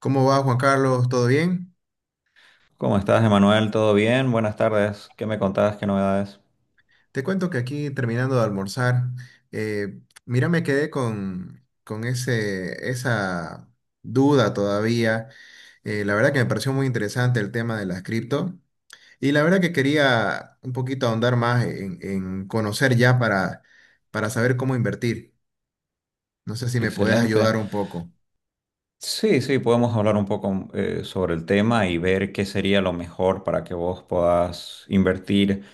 ¿Cómo va Juan Carlos? ¿Todo bien? ¿Cómo estás, Emanuel? ¿Todo bien? Buenas tardes. ¿Qué me contabas? ¿Qué novedades? Te cuento que aquí terminando de almorzar, eh, mira, me quedé con ese, esa duda todavía. La verdad que me pareció muy interesante el tema de las cripto y la verdad que quería un poquito ahondar más en conocer ya para saber cómo invertir. No sé si me podés Excelente. ayudar un poco. Sí, sí, podemos hablar un poco sobre el tema y ver qué sería lo mejor para que vos puedas invertir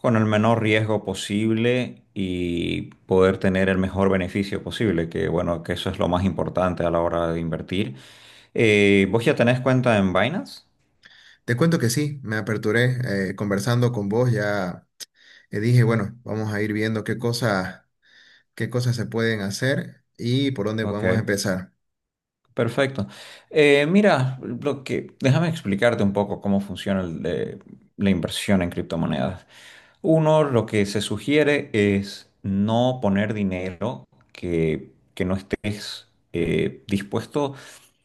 con el menor riesgo posible y poder tener el mejor beneficio posible, que bueno, que eso es lo más importante a la hora de invertir. ¿Vos ya tenés cuenta en Binance? Te cuento que sí, me aperturé conversando con vos, ya dije, bueno, vamos a ir viendo qué cosas se pueden hacer y por dónde Ok. podemos empezar. Perfecto. Mira, déjame explicarte un poco cómo funciona la inversión en criptomonedas. Uno, lo que se sugiere es no poner dinero que no estés dispuesto,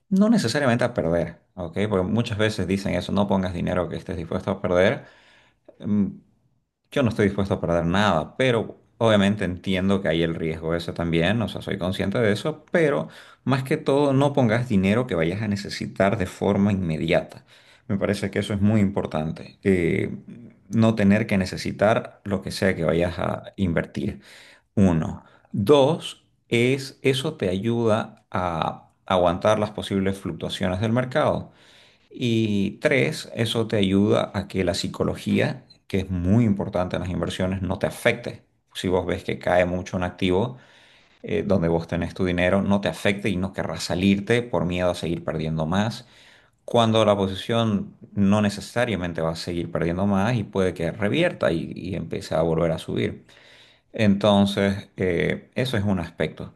no necesariamente a perder, ¿ok? Porque muchas veces dicen eso, no pongas dinero que estés dispuesto a perder. Mm, yo no estoy dispuesto a perder nada, pero obviamente entiendo que hay el riesgo ese también, o sea, soy consciente de eso, pero más que todo no pongas dinero que vayas a necesitar de forma inmediata. Me parece que eso es muy importante, no tener que necesitar lo que sea que vayas a invertir. Uno. Dos, es eso te ayuda a aguantar las posibles fluctuaciones del mercado. Y tres, eso te ayuda a que la psicología, que es muy importante en las inversiones, no te afecte. Si vos ves que cae mucho un activo donde vos tenés tu dinero, no te afecte y no querrás salirte por miedo a seguir perdiendo más. Cuando la posición no necesariamente va a seguir perdiendo más y puede que revierta y empiece a volver a subir. Entonces, eso es un aspecto.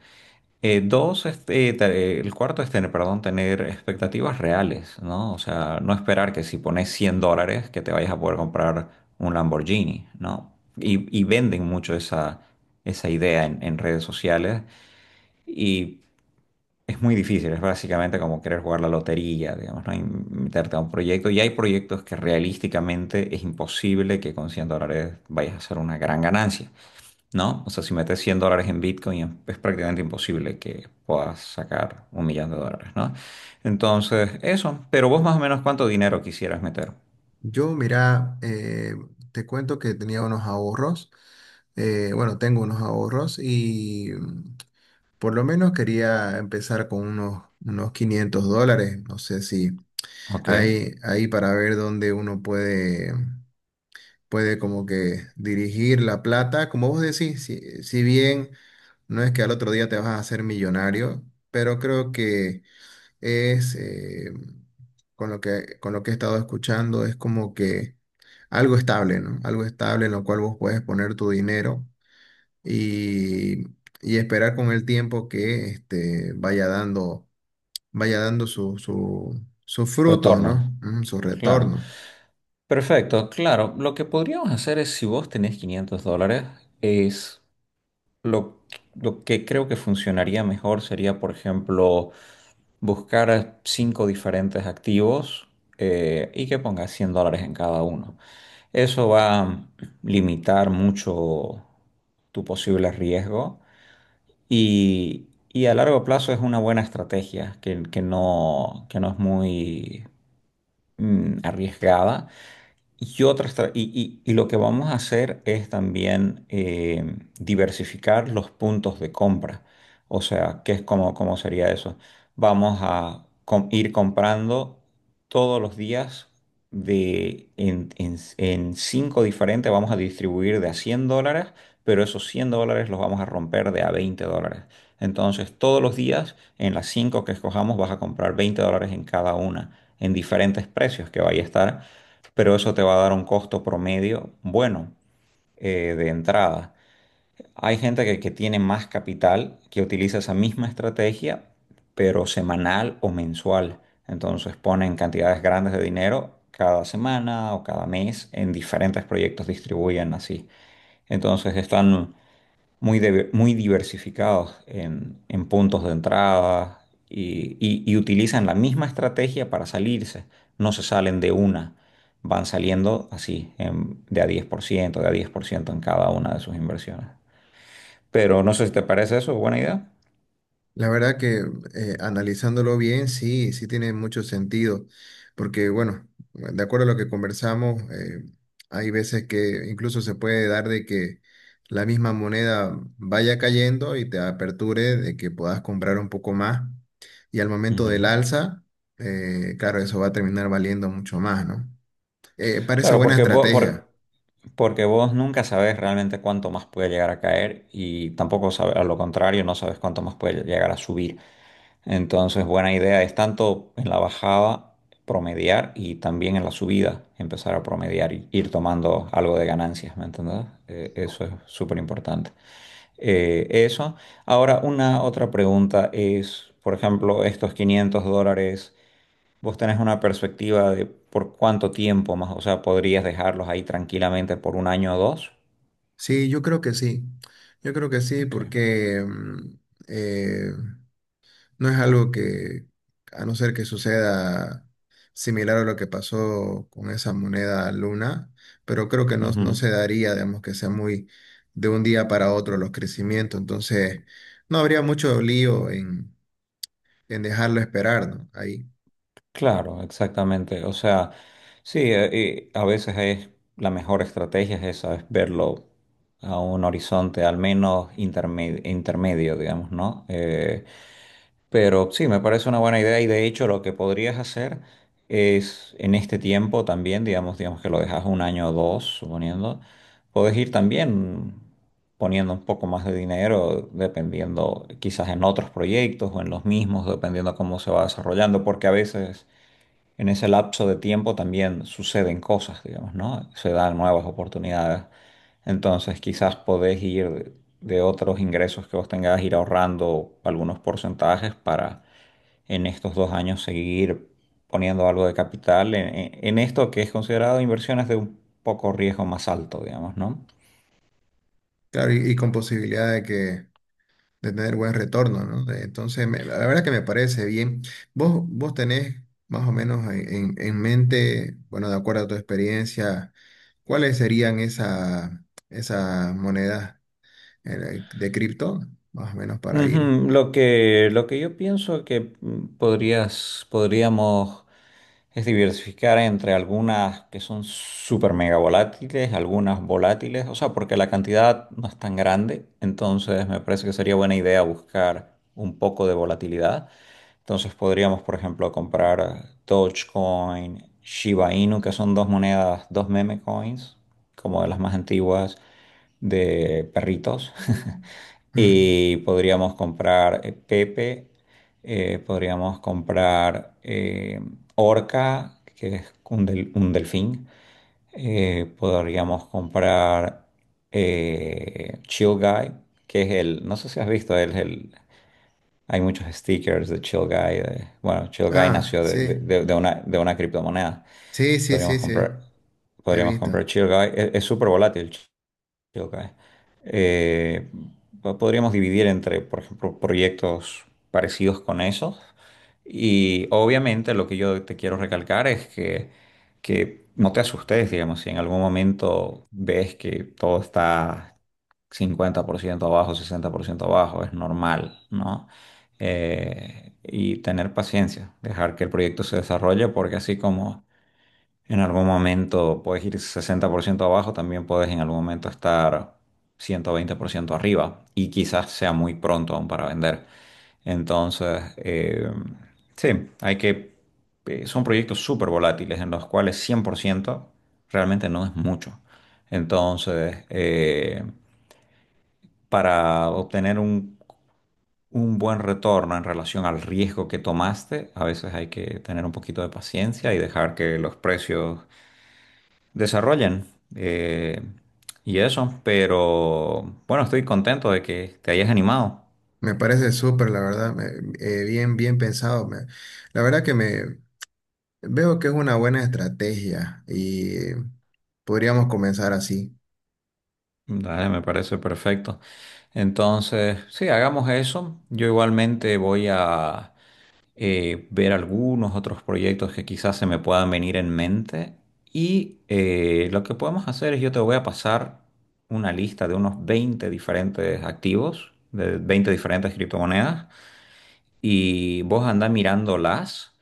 Dos, este, el cuarto es tener, perdón, tener expectativas reales, ¿no? O sea, no esperar que si pones $100 que te vayas a poder comprar un Lamborghini, ¿no? Y venden mucho esa idea en redes sociales y es muy difícil, es básicamente como querer jugar la lotería, digamos, ¿no? Y meterte a un proyecto. Y hay proyectos que realísticamente es imposible que con $100 vayas a hacer una gran ganancia. ¿No? O sea, si metes $100 en Bitcoin es prácticamente imposible que puedas sacar $1 millón, ¿no? Entonces, eso, pero vos más o menos cuánto dinero quisieras meter. Yo, mira, te cuento que tenía unos ahorros, bueno, tengo unos ahorros y por lo menos quería empezar con unos 500 dólares, no sé si Ok, hay ahí para ver dónde uno puede como que dirigir la plata, como vos decís, si bien no es que al otro día te vas a hacer millonario, pero creo que es, con con lo que he estado escuchando, es como que algo estable, ¿no? Algo estable en lo cual vos puedes poner tu dinero y, y esperar con el tiempo que este, vaya dando sus frutos, ¿no? retorno, Mm, su claro. retorno. Perfecto, claro. Lo que podríamos hacer es, si vos tenés $500, es lo, lo que creo que funcionaría mejor sería, por ejemplo, buscar cinco diferentes activos y que pongas $100 en cada uno. Eso va a limitar mucho tu posible riesgo y a largo plazo es una buena estrategia que no es muy arriesgada y otras tra- y lo que vamos a hacer es también diversificar los puntos de compra. O sea, cómo sería eso? Vamos a ir comprando todos los días en cinco diferentes, vamos a distribuir de a $100, pero esos $100 los vamos a romper de a $20. Entonces, todos los días, en las cinco que escojamos, vas a comprar $20 en cada una, en diferentes precios que vaya a estar pero eso te va a dar un costo promedio bueno de entrada. Hay gente que tiene más capital que utiliza esa misma estrategia, pero semanal o mensual. Entonces ponen cantidades grandes de dinero cada semana o cada mes en diferentes proyectos, distribuyen así. Entonces están muy diversificados en puntos de entrada y utilizan la misma estrategia para salirse. No se salen de una, van saliendo así, de a 10% de a 10% en cada una de sus inversiones. Pero no sé si te parece eso buena idea. La verdad que analizándolo bien, sí, sí tiene mucho sentido, porque bueno, de acuerdo a lo que conversamos, hay veces que incluso se puede dar de que la misma moneda vaya cayendo y te aperture de que puedas comprar un poco más, y al momento del Ujú. alza, claro, eso va a terminar valiendo mucho más, ¿no? Parece Claro, buena porque vos, estrategia. por- porque vos nunca sabes realmente cuánto más puede llegar a caer y tampoco sabes, a lo contrario, no sabes cuánto más puede llegar a subir. Entonces, buena idea es tanto en la bajada promediar y también en la subida empezar a promediar y ir tomando algo de ganancias, ¿me entendés? Eso es súper importante. Eso. Ahora, una otra pregunta es, por ejemplo, estos $500, ¿vos tenés una perspectiva de por cuánto tiempo más? O sea, ¿podrías dejarlos ahí tranquilamente por un año o dos? Sí, yo creo que sí, yo creo que sí, Ok. porque mm, eh, no es algo que, a no ser que suceda similar a lo que pasó con esa moneda luna, pero creo que no, no Ujú. se daría, digamos, que sea muy de un día para otro los crecimientos. Entonces, no habría mucho lío en dejarlo esperar, ¿no? Ahí. Claro, exactamente. O sea, sí, y a veces es la mejor estrategia es esa, es verlo a un horizonte al menos intermedio, digamos, ¿no? Pero sí, me parece una buena idea y de hecho lo que podrías hacer es en este tiempo también, digamos, que lo dejas un año o dos, suponiendo, puedes ir también poniendo un poco más de dinero, dependiendo quizás en otros proyectos o en los mismos, dependiendo cómo se va desarrollando, porque a veces en ese lapso de tiempo también suceden cosas, digamos, ¿no? Se dan nuevas oportunidades. Entonces, quizás podés ir de otros ingresos que vos tengas, ir ahorrando algunos porcentajes para en estos 2 años seguir poniendo algo de capital en esto que es considerado inversiones de un poco riesgo más alto, digamos, ¿no? Claro, y con posibilidad de que de tener buen retorno, ¿no? De- Entonces, me- la verdad que me parece bien. Vos tenés más o menos en mente, bueno, de acuerdo a tu experiencia, ¿cuáles serían esas monedas de cripto? Más o menos para ir. Ujú. Lo que yo pienso que podrías, podríamos. Es diversificar entre algunas que son súper mega volátiles, algunas volátiles, o sea, porque la cantidad no es tan grande, entonces me parece que sería buena idea buscar un poco de volatilidad. Entonces podríamos, por ejemplo, comprar Dogecoin, Shiba Inu, que son dos monedas, dos meme coins, como de las más antiguas de perritos. Mm. Y podríamos comprar Pepe podríamos comprar orca, que es un delfín. Podríamos comprar Chill Guy, que es el, no sé si has visto, él es el, hay muchos stickers de Chill Guy. Bueno, Chill Guy Ah, nació de, sí, de- de- de una, de una criptomoneda. sí, sí, sí, Podríamos sí, comprar, he podríamos visto. comprar Chill Guy. Es súper volátil. Ok. Eh, Podríamos dividir entre, por ejemplo, proyectos parecidos con esos. Y obviamente lo que yo te quiero recalcar es que no te asustes, digamos, si en algún momento ves que todo está 50% abajo, 60% abajo, es normal, ¿no? Y tener paciencia, dejar que el proyecto se desarrolle, porque así como en algún momento puedes ir 60% abajo, también puedes en algún momento estar 120% arriba y quizás sea muy pronto aún para vender. Entonces, sí, son proyectos súper volátiles en los cuales 100% realmente no es mucho. Entonces, para obtener un buen retorno en relación al riesgo que tomaste, a veces hay que tener un poquito de paciencia y dejar que los precios desarrollan. eh, y eso, pero bueno, estoy contento de que te hayas animado. Me parece súper, la verdad, me- bien, bien pensado. Me- la verdad que me veo que es una buena estrategia y podríamos comenzar así. Dale, me parece perfecto. Entonces, sí, hagamos eso. Yo igualmente voy a ver algunos otros proyectos que quizás se me puedan venir en mente. Y lo que podemos hacer es yo te voy a pasar una lista de unos 20 diferentes activos, de 20 diferentes criptomonedas, y vos andás mirándolas.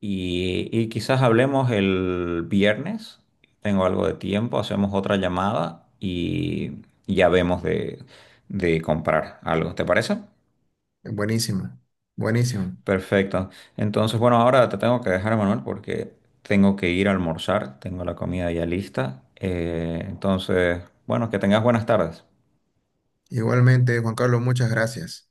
Y quizás hablemos el viernes. Tengo algo de tiempo, hacemos otra llamada y ya vemos de comprar algo. ¿Te parece? Buenísimo, buenísimo. Perfecto. Entonces, bueno, ahora te tengo que dejar, Manuel, porque tengo que ir a almorzar. Tengo la comida ya lista. Entonces, bueno, que tengas buenas tardes. Igualmente, Juan Carlos, muchas gracias.